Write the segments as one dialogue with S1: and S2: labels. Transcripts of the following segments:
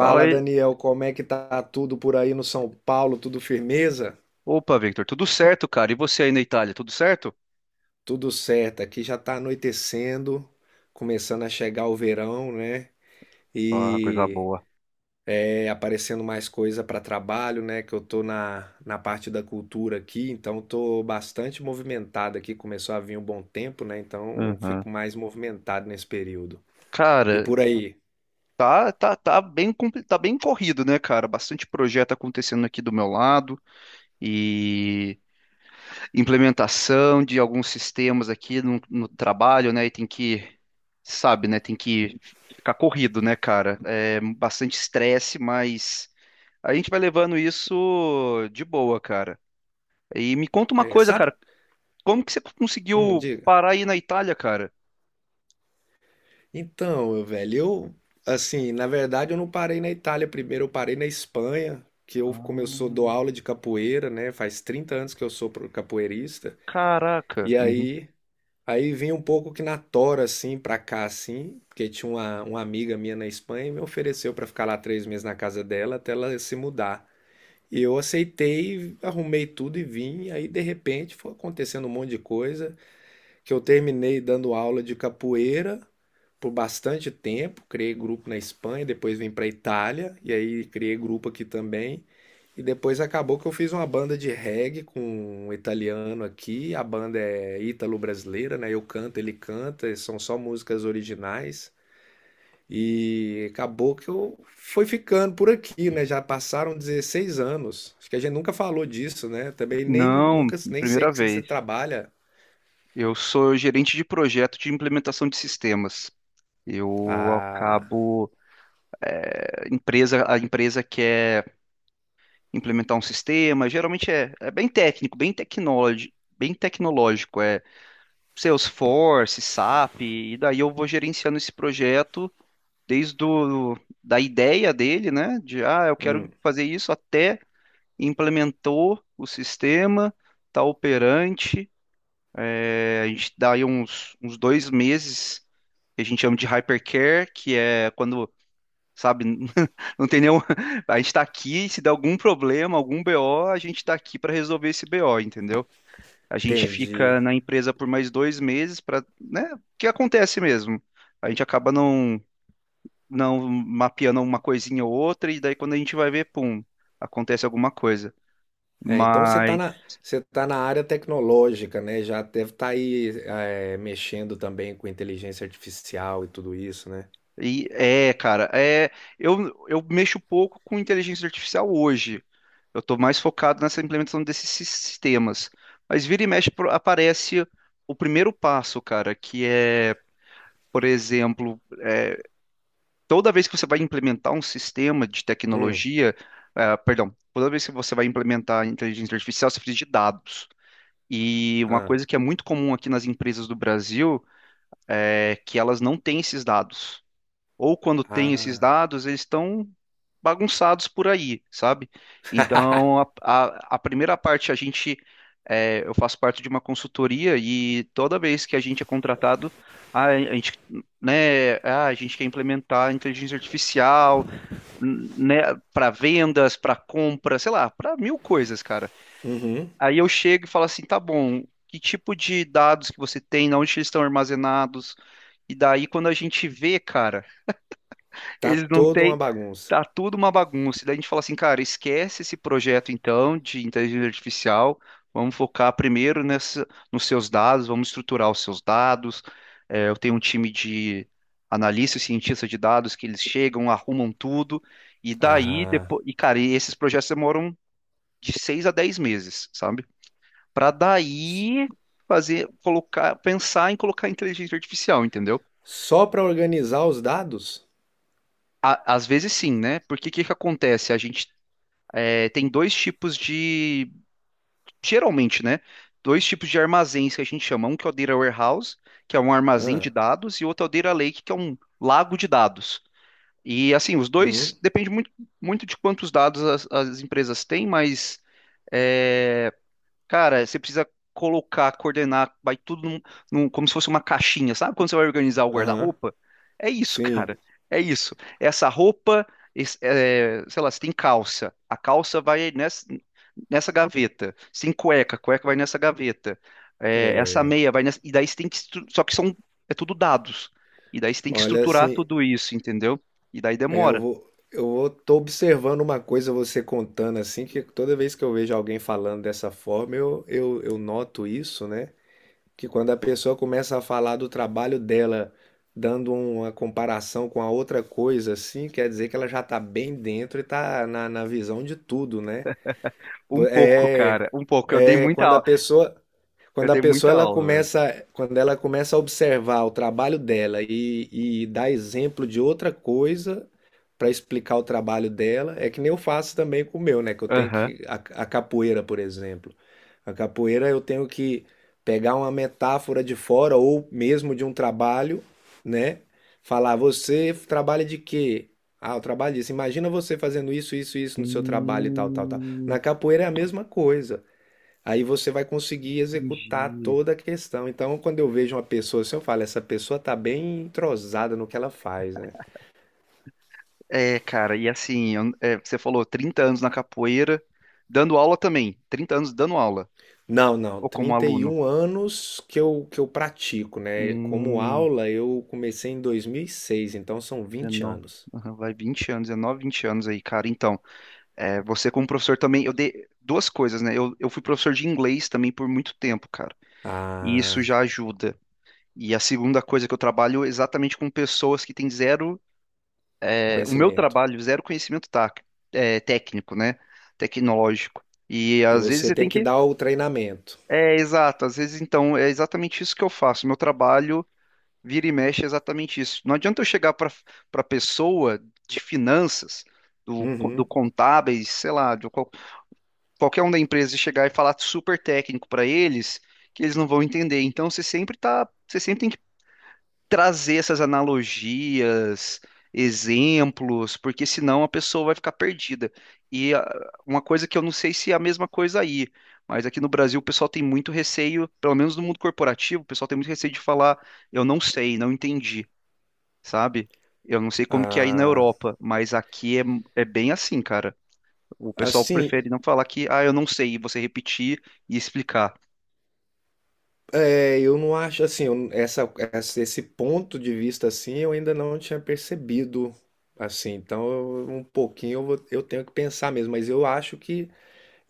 S1: Fala aí.
S2: Daniel, como é que tá tudo por aí no São Paulo? Tudo firmeza?
S1: Opa, Victor, tudo certo, cara? E você aí na Itália, tudo certo?
S2: Tudo certo. Aqui já tá anoitecendo, começando a chegar o verão, né?
S1: Ah, coisa
S2: E
S1: boa.
S2: aparecendo mais coisa para trabalho, né? Que eu tô na parte da cultura aqui, então tô bastante movimentado aqui. Começou a vir um bom tempo, né? Então
S1: Aham.
S2: fico mais movimentado nesse período. E
S1: Cara,
S2: por aí?
S1: tá bem corrido, né, cara? Bastante projeto acontecendo aqui do meu lado e implementação de alguns sistemas aqui no trabalho, né? E tem que, sabe, né? Tem que ficar corrido, né, cara? É bastante estresse, mas a gente vai levando isso de boa, cara. E me conta uma
S2: É,
S1: coisa,
S2: sabe?
S1: cara. Como que você conseguiu
S2: Diga.
S1: parar aí na Itália, cara?
S2: Então, velho, assim, na verdade eu não parei na Itália primeiro, eu parei na Espanha, que eu começou a dar
S1: Ah,
S2: aula de capoeira, né? Faz 30 anos que eu sou capoeirista.
S1: caraca.
S2: E
S1: Uhum.
S2: aí, aí vim um pouco que na tora, assim, pra cá, assim, porque tinha uma amiga minha na Espanha e me ofereceu pra ficar lá três meses na casa dela até ela se mudar. E eu aceitei, arrumei tudo e vim. E aí, de repente, foi acontecendo um monte de coisa que eu terminei dando aula de capoeira por bastante tempo, criei grupo na Espanha, depois vim para Itália e aí criei grupo aqui também. E depois acabou que eu fiz uma banda de reggae com um italiano aqui. A banda é ítalo-brasileira, né? Eu canto, ele canta, são só músicas originais. E acabou que eu fui ficando por aqui, né? Já passaram 16 anos. Acho que a gente nunca falou disso, né? Também nem
S1: Não,
S2: nunca nem sei
S1: primeira
S2: que você
S1: vez.
S2: trabalha.
S1: Eu sou gerente de projeto de implementação de sistemas. Eu
S2: Ah,
S1: acabo Empresa, a empresa quer implementar um sistema. Geralmente é bem técnico, bem tecnológico. É Salesforce, SAP. E daí eu vou gerenciando esse projeto desde o, da ideia dele, né? De ah, eu quero fazer isso até implementou o sistema, está operante. A gente dá aí uns 2 meses que a gente chama de hypercare, que é quando, sabe, não tem nenhum. A gente está aqui, se der algum problema, algum BO, a gente está aqui para resolver esse BO, entendeu? A gente
S2: entendi.
S1: fica na empresa por mais 2 meses para, né? O que acontece mesmo? A gente acaba não, Não mapeando uma coisinha ou outra, e daí quando a gente vai ver, pum, acontece alguma coisa.
S2: É, então
S1: Mas
S2: você tá na área tecnológica, né? Já deve estar aí mexendo também com inteligência artificial e tudo isso, né?
S1: E é, cara, é, eu, eu mexo pouco com inteligência artificial hoje. Eu estou mais focado nessa implementação desses sistemas. Mas vira e mexe aparece o primeiro passo, cara, por exemplo, toda vez que você vai implementar um sistema de
S2: Hum,
S1: tecnologia, ah, perdão, toda vez que você vai implementar inteligência artificial, você precisa de dados. E uma
S2: ah,
S1: coisa que é muito comum aqui nas empresas do Brasil é que elas não têm esses dados, ou quando tem esses
S2: ah.
S1: dados, eles estão bagunçados por aí, sabe? Então, a, a, a primeira parte, eu faço parte de uma consultoria e toda vez que a gente é contratado, a, a gente, né, a gente quer implementar inteligência artificial, né, para vendas, para compra, sei lá, para mil coisas, cara.
S2: Uhum.
S1: Aí eu chego e falo assim, tá bom, que tipo de dados que você tem, onde eles estão armazenados? E daí, quando a gente vê, cara.
S2: Tá
S1: Eles não
S2: toda uma
S1: têm.
S2: bagunça.
S1: Tá tudo uma bagunça. E daí a gente fala assim, cara, esquece esse projeto então de inteligência artificial. Vamos focar nos seus dados, vamos estruturar os seus dados. É, eu tenho um time de analistas e cientistas de dados que eles chegam, arrumam tudo. E daí,
S2: Ah,
S1: depois, e esses projetos demoram de 6 a 10 meses, sabe? Para
S2: s-
S1: daí fazer, colocar, pensar em colocar inteligência artificial, entendeu?
S2: só para organizar os dados?
S1: Às vezes sim, né? Porque o que que acontece? Tem dois tipos de, geralmente, né? Dois tipos de armazéns que a gente chama. Um que é o Data Warehouse, que é um armazém de
S2: Ah,
S1: dados, e outro é o Data Lake, que é um lago de dados. E assim, os dois
S2: uhum,
S1: depende muito de quantos dados as empresas têm, mas é, cara, você precisa colocar, coordenar, vai tudo como se fosse uma caixinha. Sabe quando você vai organizar o
S2: aham,
S1: guarda-roupa? É isso,
S2: sim.
S1: cara. É isso. Essa roupa, esse- é, Sei lá, você tem calça. A calça vai nessa gaveta. Você tem cueca, a cueca vai nessa gaveta. É,
S2: É,
S1: essa meia vai nessa. E daí você tem Só que são, é tudo dados. E daí você tem que
S2: olha,
S1: estruturar
S2: assim,
S1: tudo isso, entendeu? E daí demora.
S2: eu vou, tô observando uma coisa você contando assim, que toda vez que eu vejo alguém falando dessa forma, eu noto isso, né? Que quando a pessoa começa a falar do trabalho dela, dando uma comparação com a outra coisa, assim, quer dizer que ela já está bem dentro e está na visão de tudo, né?
S1: Um pouco,
S2: É,
S1: cara. Um pouco. Eu dei
S2: é
S1: muita
S2: quando a
S1: aula.
S2: pessoa
S1: Eu dei muita aula, velho.
S2: quando ela começa a observar o trabalho dela e dar exemplo de outra coisa para explicar o trabalho dela, é que nem eu faço também com o meu, né? Que eu tenho
S1: Aham.
S2: que a capoeira, por exemplo. A capoeira eu tenho que pegar uma metáfora de fora ou mesmo de um trabalho, né? Falar, você trabalha de quê? Ah, eu trabalho disso. Imagina você fazendo isso, isso, isso no seu trabalho e tal, tal, tal.
S1: Hum,
S2: Na capoeira é a mesma coisa. Aí você vai conseguir executar
S1: entendi.
S2: toda a questão. Então, quando eu vejo uma pessoa assim, eu falo, essa pessoa está bem entrosada no que ela faz, né?
S1: É, cara, e assim, você falou 30 anos na capoeira, dando aula também. 30 anos dando aula,
S2: Não, não,
S1: ou como
S2: trinta e
S1: aluno.
S2: um anos que que eu pratico, né? Como
S1: Hum,
S2: aula, eu comecei em dois mil e seis. Então são vinte
S1: 19,
S2: anos.
S1: aham, vai 20 anos, 20 anos aí, cara. Então, é, você como professor também, eu dei duas coisas, né? Eu fui professor de inglês também por muito tempo, cara. E isso
S2: Ah,
S1: já ajuda. E a segunda coisa é que eu trabalho é exatamente com pessoas que têm zero
S2: conhecimento.
S1: zero conhecimento, tá, técnico, né? Tecnológico. E
S2: E
S1: às vezes
S2: você
S1: você tem
S2: tem que
S1: que.
S2: dar o treinamento.
S1: É, exato, às vezes então é exatamente isso que eu faço. Meu trabalho vira e mexe é exatamente isso. Não adianta eu chegar para pessoa de finanças, do
S2: Uhum.
S1: contábeis, sei lá, qualquer um da empresa e chegar e falar super técnico para eles, que eles não vão entender. Então você sempre tá, você sempre tem trazer essas analogias, exemplos, porque senão a pessoa vai ficar perdida. E ah, uma coisa que eu não sei se é a mesma coisa aí, mas aqui no Brasil o pessoal tem muito receio, pelo menos no mundo corporativo, o pessoal tem muito receio de falar, eu não sei, não entendi, sabe? Eu não sei como que é aí na
S2: Ah,
S1: Europa, mas é bem assim, cara. O pessoal
S2: assim,
S1: prefere não falar que, ah, eu não sei, e você repetir e explicar.
S2: é, eu não acho assim, esse ponto de vista assim, eu ainda não tinha percebido assim. Então, um pouquinho eu tenho que pensar mesmo, mas eu acho que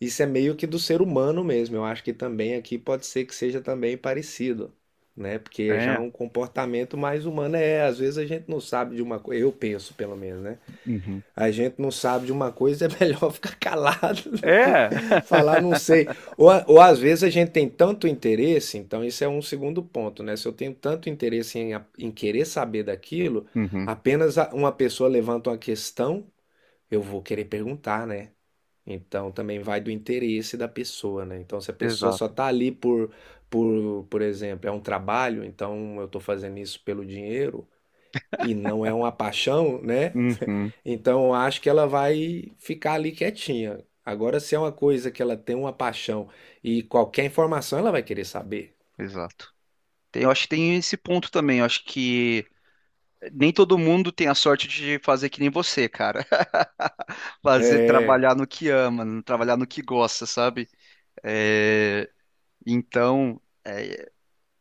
S2: isso é meio que do ser humano mesmo. Eu acho que também aqui pode ser que seja também parecido, né? Porque já é
S1: É,
S2: um comportamento mais humano às vezes a gente não sabe de uma coisa, eu penso pelo menos, né?
S1: uhum.
S2: A gente não sabe de uma coisa, é melhor ficar calado do que
S1: É,
S2: falar não sei. Ou, ou às vezes a gente tem tanto interesse, então isso é um segundo ponto, né? Se eu tenho tanto interesse em querer saber daquilo,
S1: uhum,
S2: apenas uma pessoa levanta uma questão, eu vou querer perguntar, né? Então também vai do interesse da pessoa, né? Então se a pessoa só
S1: exato.
S2: tá ali por exemplo, é um trabalho, então eu tô fazendo isso pelo dinheiro e não é uma paixão, né?
S1: Uhum,
S2: Então, eu acho que ela vai ficar ali quietinha. Agora, se é uma coisa que ela tem uma paixão e qualquer informação ela vai querer saber.
S1: exato. Tem- Eu acho que tem esse ponto também. Eu acho que nem todo mundo tem a sorte de fazer que nem você, cara. Fazer
S2: É,
S1: trabalhar no que ama, trabalhar no que gosta, sabe? É, então, é,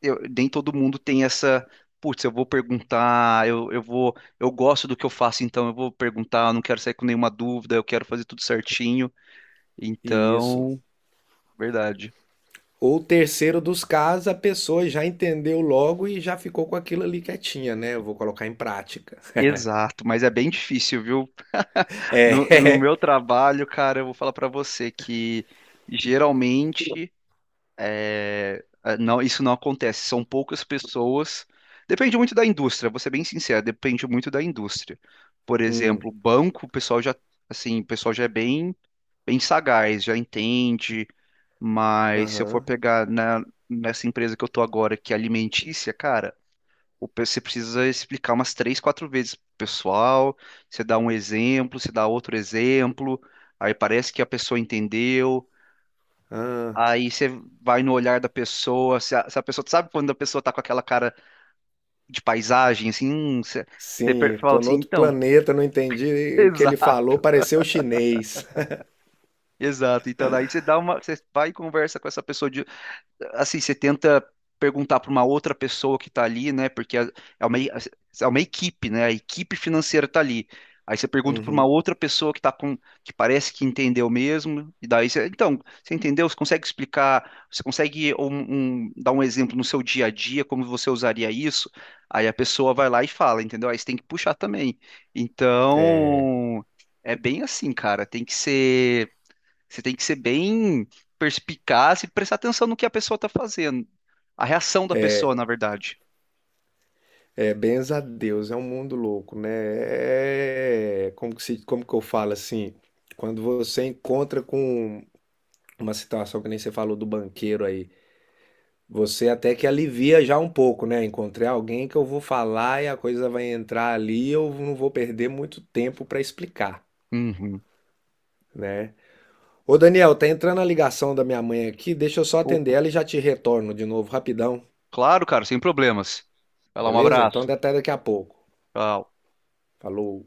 S1: eu- nem todo mundo tem essa. Putz, eu vou perguntar, eu gosto do que eu faço, então eu vou perguntar, eu não quero sair com nenhuma dúvida, eu quero fazer tudo certinho.
S2: isso.
S1: Então, verdade.
S2: Ou terceiro dos casos, a pessoa já entendeu logo e já ficou com aquilo ali quietinha, né? Eu vou colocar em prática.
S1: Exato, mas é bem difícil, viu? No,
S2: É.
S1: no meu trabalho, cara, eu vou falar pra você que geralmente não, isso não acontece. São poucas pessoas. Depende muito da indústria, vou ser bem sincero, depende muito da indústria. Por
S2: Hum,
S1: exemplo, banco, o pessoal o pessoal já é bem sagaz, já entende. Mas se eu for
S2: aham.
S1: pegar nessa empresa que eu tô agora, que é alimentícia, cara, o você precisa explicar umas três, quatro vezes pro pessoal, você dá um exemplo, você dá outro exemplo, aí parece que a pessoa entendeu,
S2: Ah,
S1: aí você vai no olhar da pessoa, se a pessoa, sabe quando a pessoa tá com aquela cara de paisagem, assim, você,
S2: sim,
S1: fala
S2: tô no
S1: assim,
S2: outro
S1: então,
S2: planeta, não entendi o que ele falou,
S1: exato,
S2: pareceu chinês.
S1: exato, então daí você dá uma, você vai e conversa com essa pessoa você tenta perguntar para uma outra pessoa que está ali, né? Porque é uma, é uma equipe, né? A equipe financeira está ali. Aí você pergunta para uma
S2: Uhum.
S1: outra pessoa que tá com, que parece que entendeu mesmo, e daí você, então, você entendeu? Você consegue explicar, você consegue dar um exemplo no seu dia a dia, como você usaria isso? Aí a pessoa vai lá e fala, entendeu? Aí você tem que puxar também. Então, é bem assim, cara, tem que ser você tem que ser bem perspicaz e prestar atenção no que a pessoa tá fazendo. A reação da pessoa, na verdade.
S2: É, benza a Deus, é um mundo louco, né? É, como que se, como que eu falo assim? Quando você encontra com uma situação que nem você falou do banqueiro aí, você até que alivia já um pouco, né? Encontrei alguém que eu vou falar e a coisa vai entrar ali, eu não vou perder muito tempo para explicar,
S1: Uhum.
S2: né? Ô Daniel, tá entrando a ligação da minha mãe aqui, deixa eu só atender
S1: Opa.
S2: ela e já te retorno de novo rapidão,
S1: Claro, cara, sem problemas. Vai lá, um
S2: beleza? Então
S1: abraço.
S2: até daqui a pouco.
S1: Tchau.
S2: Falou.